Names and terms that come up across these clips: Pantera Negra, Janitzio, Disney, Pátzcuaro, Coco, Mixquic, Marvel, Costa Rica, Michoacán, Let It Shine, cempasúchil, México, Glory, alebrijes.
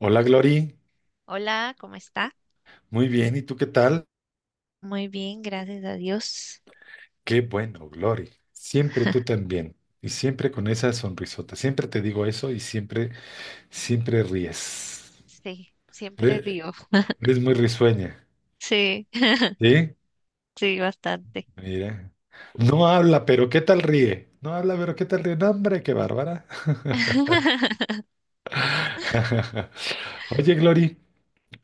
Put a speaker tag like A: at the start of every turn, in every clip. A: Hola, Glory.
B: Hola, ¿cómo está?
A: Muy bien, ¿y tú qué tal?
B: Muy bien, gracias a Dios.
A: Qué bueno, Glory. Siempre tú también. Y siempre con esa sonrisota. Siempre te digo eso y siempre, siempre ríes.
B: Sí, siempre
A: Re-
B: río.
A: Eres muy risueña.
B: Sí,
A: ¿Sí?
B: sí, bastante.
A: Mira. No habla, pero ¿qué tal ríe? No habla, pero ¿qué tal ríe? No, hombre, qué bárbara. Oye, Glory,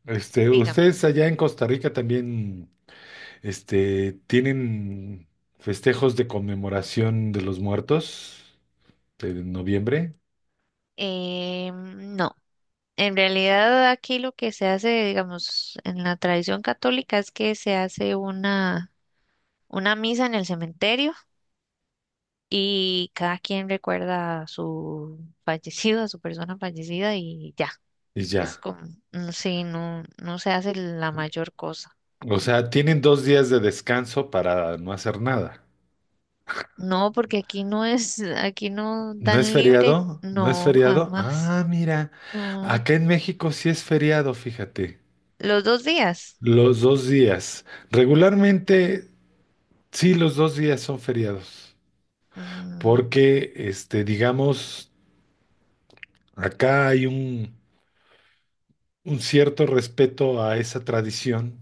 B: Dígame.
A: ustedes allá en Costa Rica también, tienen festejos de conmemoración de los muertos de noviembre.
B: No, en realidad aquí lo que se hace, digamos, en la tradición católica es que se hace una misa en el cementerio y cada quien recuerda a su fallecido, a su persona fallecida y ya.
A: Y
B: Es
A: ya.
B: como, sí, no, se hace la mayor cosa.
A: O sea, tienen dos días de descanso para no hacer nada.
B: No, porque aquí no es, aquí no
A: ¿No es
B: dan libre.
A: feriado? ¿No es
B: No,
A: feriado?
B: jamás.
A: Ah, mira.
B: No.
A: Acá en México sí es feriado, fíjate.
B: Los dos días.
A: Los dos días. Regularmente, sí, los dos días son feriados.
B: Mm,
A: Porque, digamos, acá hay un cierto respeto a esa tradición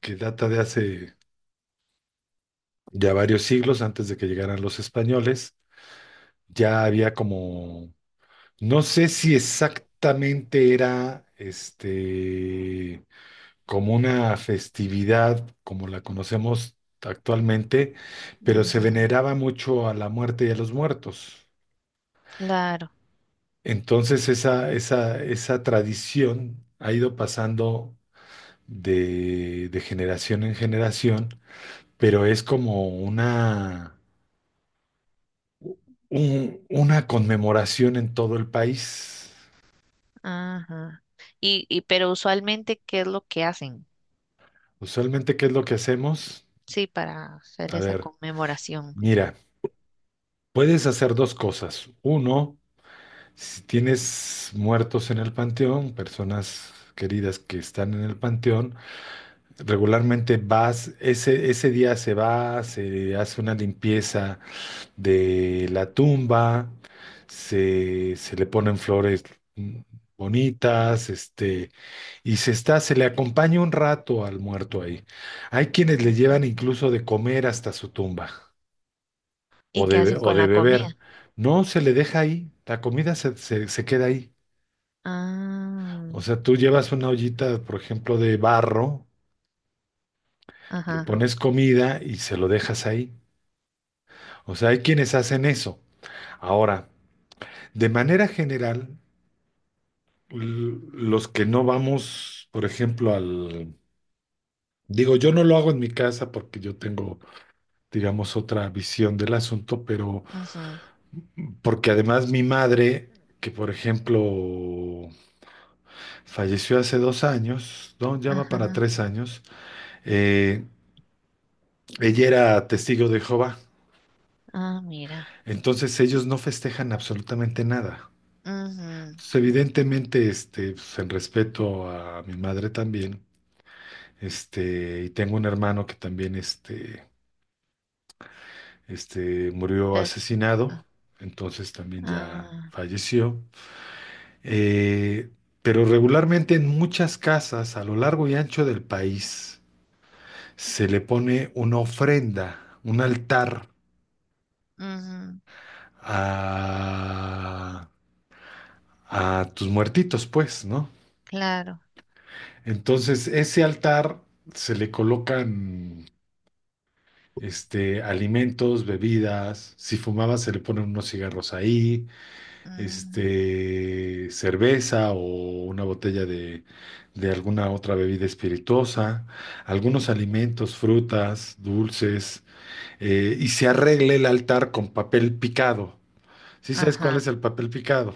A: que data de hace ya varios siglos antes de que llegaran los españoles. Ya había como. No sé si exactamente era como una festividad como la conocemos actualmente, pero se
B: ujú,
A: veneraba mucho a la muerte y a los muertos.
B: claro.
A: Entonces esa tradición ha ido pasando de generación en generación, pero es como una, una conmemoración en todo el país.
B: Ajá. Pero usualmente, ¿qué es lo que hacen?
A: Usualmente, ¿qué es lo que hacemos?
B: Sí, para hacer
A: A
B: esa
A: ver,
B: conmemoración.
A: mira. Puedes hacer dos cosas. Uno, si tienes muertos en el panteón, personas queridas que están en el panteón, regularmente vas, ese día se va, se hace una limpieza de la tumba, se le ponen flores mm, bonitas, y se le acompaña un rato al muerto ahí. Hay quienes le
B: Ujú.
A: llevan incluso de comer hasta su tumba
B: ¿Y
A: o
B: qué hacen
A: o
B: con
A: de
B: la
A: beber.
B: comida?
A: No, se le deja ahí, la comida se queda ahí.
B: Ah,
A: O sea, tú llevas una ollita, por ejemplo, de barro, le
B: ajá,
A: pones comida y se lo dejas ahí. O sea, hay quienes hacen eso. Ahora, de manera general, los que no vamos, por ejemplo, al... Digo, yo no lo hago en mi casa porque yo tengo, digamos, otra visión del asunto, pero
B: ajá,
A: porque además mi madre, que por ejemplo falleció hace dos años, no, ya va para
B: ajá.
A: tres años. Eh, Ella era testigo de Jehová,
B: Ah, mira.
A: entonces ellos no festejan absolutamente nada.
B: Ujú.
A: Entonces, evidentemente, pues, en respeto a mi madre también, y tengo un hermano que también, murió
B: Entonces,
A: asesinado,
B: ajá,
A: entonces también ya
B: ah,
A: falleció. Eh, pero regularmente en muchas casas a lo largo y ancho del país se le pone una ofrenda, un altar
B: ujú,
A: a, a tus muertitos, pues, ¿no?
B: claro.
A: Entonces, ese altar se le colocan alimentos, bebidas, si fumaba se le ponen unos cigarros ahí,
B: Mm,
A: cerveza o una botella de alguna otra bebida espirituosa, algunos alimentos, frutas, dulces, y se arregla el altar con papel picado. Sí sabes cuál es
B: ajá.
A: el papel picado.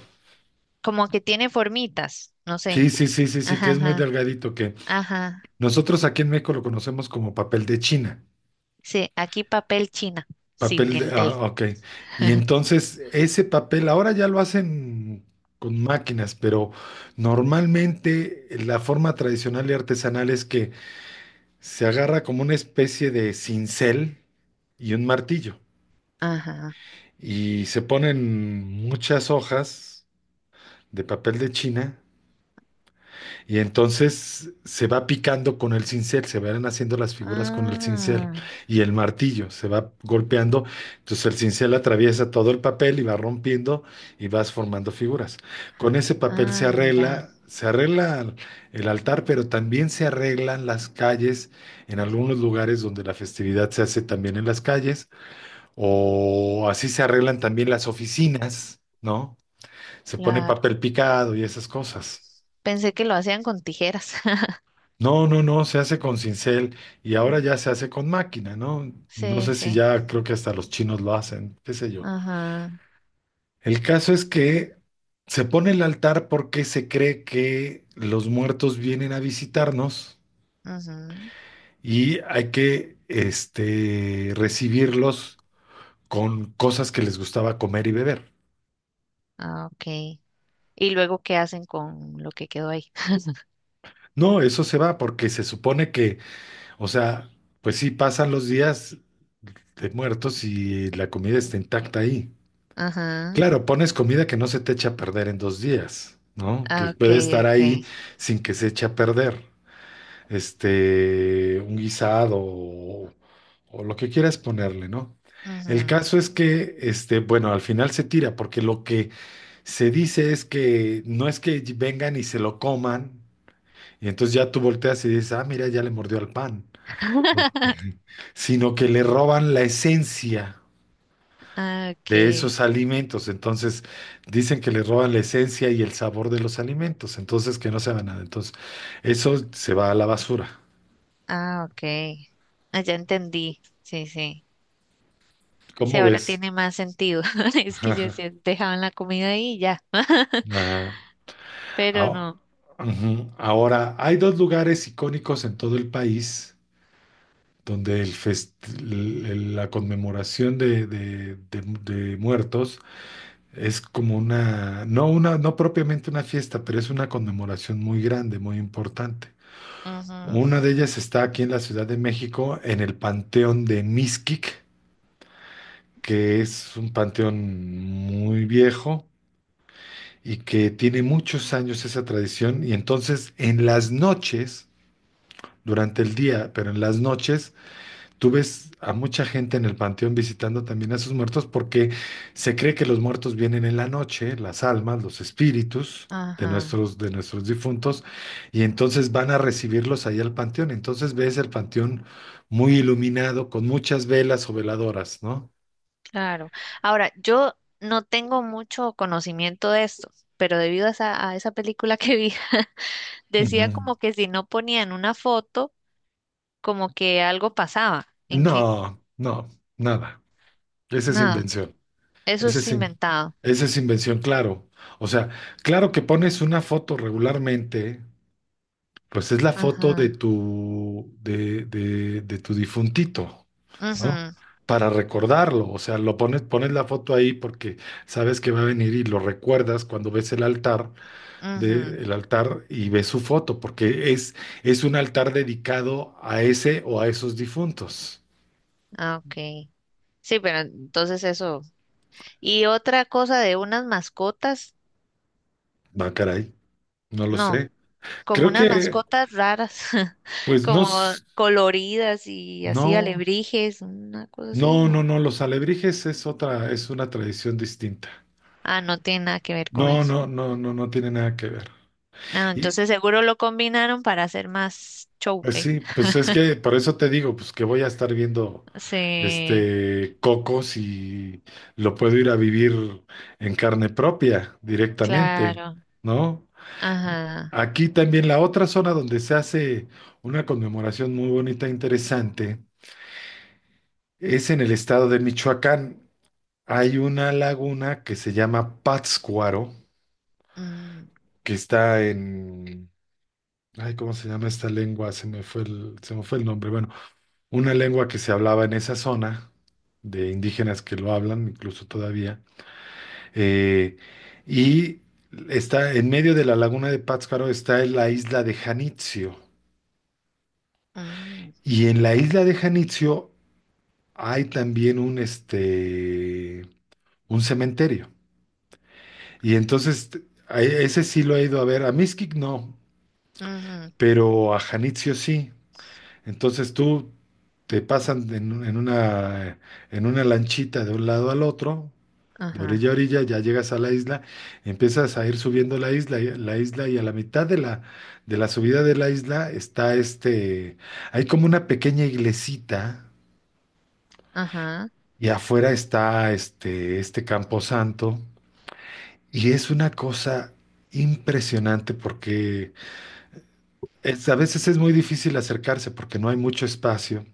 B: Como que tiene formitas, no
A: Sí,
B: sé.
A: sí, sí, sí, sí, que
B: Ajá,
A: es muy
B: ajá,
A: delgadito, que
B: ajá.
A: nosotros aquí en México lo conocemos como papel de China.
B: Sí, aquí papel china, sin
A: Papel de,
B: el D.
A: ah, ok. Y entonces ese papel ahora ya lo hacen con máquinas, pero normalmente la forma tradicional y artesanal es que se agarra como una especie de cincel y un martillo
B: Ajá.
A: y se ponen muchas hojas de papel de China. Y entonces se va picando con el cincel, se van haciendo las figuras con el cincel
B: Ah,
A: y el martillo se va golpeando. Entonces el cincel atraviesa todo el papel y va rompiendo y vas formando figuras. Con ese papel
B: ah, mira,
A: se arregla el altar, pero también se arreglan las calles en algunos lugares donde la festividad se hace también en las calles o así se arreglan también las oficinas, ¿no? Se pone
B: claro.
A: papel picado y esas cosas.
B: Pensé que lo hacían con tijeras.
A: No, no, no, se hace con cincel y
B: Mm.
A: ahora ya se hace con máquina, ¿no? No
B: Sí,
A: sé si
B: sí.
A: ya creo que hasta los chinos lo hacen, qué sé yo.
B: Ajá,
A: El caso es que se pone el altar porque se cree que los muertos vienen a visitarnos
B: ujú.
A: y hay que, recibirlos con cosas que les gustaba comer y beber.
B: Ah, ok. Y luego, ¿qué hacen con lo que quedó ahí?
A: No, eso se va porque se supone que, o sea, pues sí pasan los días de muertos y la comida está intacta ahí.
B: Ajá.
A: Claro, pones comida que no se te echa a perder en dos días, ¿no? Que
B: Ah, ok,
A: puede estar ahí
B: ok.
A: sin que se eche a perder. Un guisado o lo que quieras ponerle, ¿no? El
B: Ujú.
A: caso es que, bueno, al final se tira, porque lo que se dice es que no es que vengan y se lo coman, y entonces ya tú volteas y dices, ah, mira, ya le mordió al pan, eh, sino que le roban la esencia
B: Ah,
A: de
B: ok.
A: esos alimentos. Entonces, dicen que le roban la esencia y el sabor de los alimentos. Entonces, que no se va nada. Entonces, eso se va a la basura.
B: Ah, ok. Ah, ya entendí. Sí, sí. Sí,
A: ¿Cómo
B: ahora
A: ves?
B: tiene más sentido. Es que yo decía, dejaban la comida ahí y ya,
A: Ajá.
B: pero
A: Ah,
B: no.
A: ujú. Ahora, hay dos lugares icónicos en todo el país donde el fest- el- la conmemoración de muertos es como una, no propiamente una fiesta, pero es una conmemoración muy grande, muy importante.
B: Ujú,
A: Una de ellas está aquí en la Ciudad de México, en el Panteón de Mixquic, que es un panteón muy viejo y que tiene muchos años esa tradición. Y entonces en las noches, durante el día, pero en las noches, tú ves a mucha gente en el panteón visitando también a sus muertos porque se cree que los muertos vienen en la noche, las almas, los espíritus
B: ajá,
A: de nuestros difuntos, y entonces van a recibirlos ahí al panteón. Entonces ves el panteón muy iluminado, con muchas velas o veladoras, ¿no?
B: claro. Ahora, yo no tengo mucho conocimiento de esto, pero debido a esa película que vi, decía
A: Ujú.
B: como que si no ponían una foto, como que algo pasaba, en que
A: No, no, nada. Esa es
B: nada,
A: invención.
B: eso
A: Esa
B: es
A: es, in-
B: inventado.
A: esa es invención, claro. O sea, claro que pones una foto regularmente. Pues es la foto de
B: Ajá.
A: tu, de tu difuntito, ¿no?
B: Mhm.
A: Para recordarlo, o sea, lo pones, pones la foto ahí porque sabes que va a venir y lo recuerdas cuando ves el altar
B: Mhm.
A: el altar y ves su foto, porque es un altar dedicado a ese o a esos difuntos.
B: Ah, ok. Sí, pero entonces eso. Y otra cosa de unas mascotas,
A: Va, caray, no lo
B: no.
A: sé.
B: Como
A: Creo
B: unas
A: que,
B: mascotas raras,
A: pues no,
B: como coloridas y así
A: no,
B: alebrijes, una cosa así, no.
A: no, los alebrijes es otra, es una tradición distinta.
B: Ah, no tiene nada que ver con
A: No,
B: eso.
A: no, no, no, no tiene nada que ver.
B: Ah,
A: Y,
B: entonces seguro lo combinaron para hacer más show.
A: pues
B: Eh.
A: sí, pues es que por eso te digo, pues que voy a estar viendo
B: Sí,
A: Coco si lo puedo ir a vivir en carne propia directamente,
B: claro.
A: ¿no?
B: Ajá.
A: Aquí también la otra zona donde se hace una conmemoración muy bonita e interesante es en el estado de Michoacán. Hay una laguna que se llama Pátzcuaro,
B: Mm,
A: que está en... Ay, ¿cómo se llama esta lengua? Se me fue el nombre. Bueno, una lengua que se hablaba en esa zona, de indígenas que lo hablan, incluso todavía. eh, y está en medio de la laguna de Pátzcuaro, está en la isla de Janitzio.
B: mm,
A: Y en la isla de Janitzio hay también un cementerio. Y entonces, a ese sí lo he ido a ver. A Mixquic no,
B: ujú,
A: pero a Janitzio sí. Entonces tú te pasan en, un- en una lanchita de un lado al otro, de
B: ajá.
A: orilla a orilla, ya llegas a la isla, empiezas a ir subiendo la isla y a la mitad de la subida de la isla está hay como una pequeña iglesita
B: Ajá.
A: y afuera está este camposanto y es una cosa impresionante porque a veces es muy difícil acercarse porque no hay mucho espacio.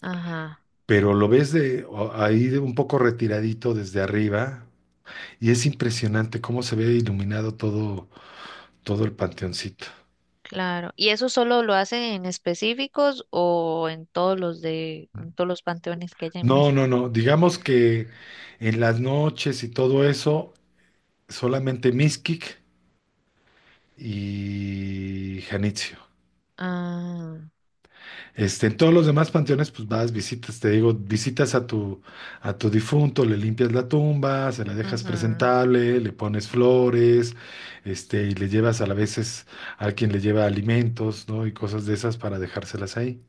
B: Ajá.
A: Pero lo ves ahí de un poco retiradito desde arriba y es impresionante cómo se ve iluminado todo, todo el panteoncito.
B: Claro. ¿Y eso solo lo hacen en específicos o en todos en todos los panteones que hay en
A: No, no,
B: México?
A: no, digamos que en las noches y todo eso solamente Mixquic y Janitzio.
B: Ah,
A: En todos los demás panteones, pues vas, visitas, te digo, visitas a tu difunto, le limpias la tumba, se la dejas
B: ujú,
A: presentable, le pones flores, y le llevas a la veces a quien le lleva alimentos, ¿no? Y cosas de esas para dejárselas ahí.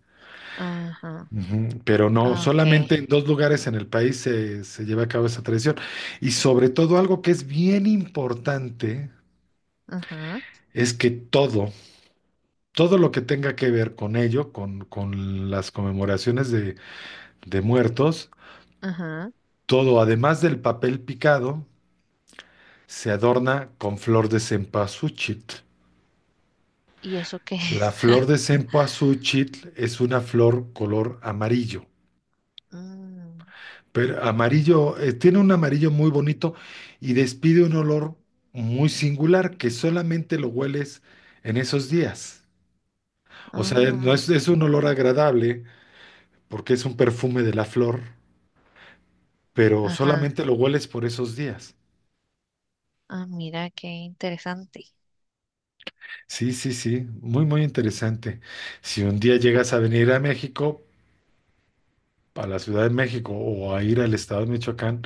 B: ajá.
A: Ujú. Pero no,
B: Ah, ok.
A: solamente en dos lugares en el país se lleva a cabo esa tradición. Y sobre todo algo que es bien importante
B: Ajá,
A: es que todo lo que tenga que ver con ello, con las conmemoraciones de muertos,
B: ajá.
A: todo, además del papel picado, se adorna con flor de cempasúchil.
B: ¿Y eso qué
A: La
B: es?
A: flor de cempasúchil es una flor color amarillo,
B: Mm,
A: pero amarillo, tiene un amarillo muy bonito y despide un olor muy singular que solamente lo hueles en esos días. O sea, no
B: ah,
A: es, es un olor agradable porque es un perfume de la flor, pero
B: ajá.
A: solamente lo hueles por esos días.
B: Ah, mira qué interesante.
A: Sí, sí, sí, muy, muy interesante. Si un día llegas a venir a México, a la Ciudad de México o a ir al estado de Michoacán,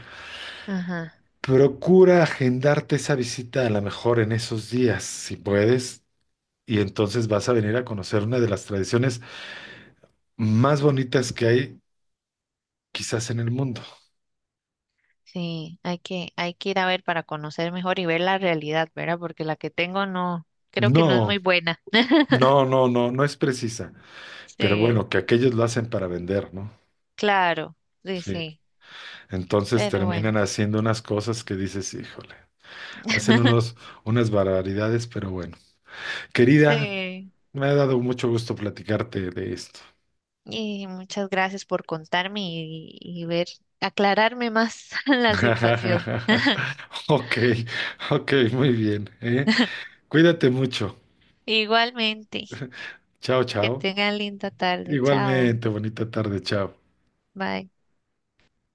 B: Ajá.
A: procura agendarte esa visita a lo mejor en esos días, si puedes, y entonces vas a venir a conocer una de las tradiciones más bonitas que hay quizás en el mundo.
B: Sí, hay que ir a ver para conocer mejor y ver la realidad, ¿verdad? Porque la que tengo no, creo que no es muy
A: No,
B: buena.
A: no, no, no, no es precisa, pero
B: Sí,
A: bueno, que aquellos lo hacen para vender, ¿no?
B: claro, sí,
A: Sí,
B: sí.
A: entonces
B: Pero bueno,
A: terminan haciendo unas cosas que dices, híjole. Hacen unos, unas barbaridades, pero bueno. Querida,
B: sí.
A: me ha dado mucho gusto platicarte de esto.
B: Y muchas gracias por contarme ver, aclararme más la situación.
A: Ok, ok, muy bien, ¿eh? Cuídate mucho.
B: Igualmente.
A: Chao,
B: Que
A: chao.
B: tengan linda tarde. Chao.
A: Igualmente, bonita tarde, chao.
B: Bye.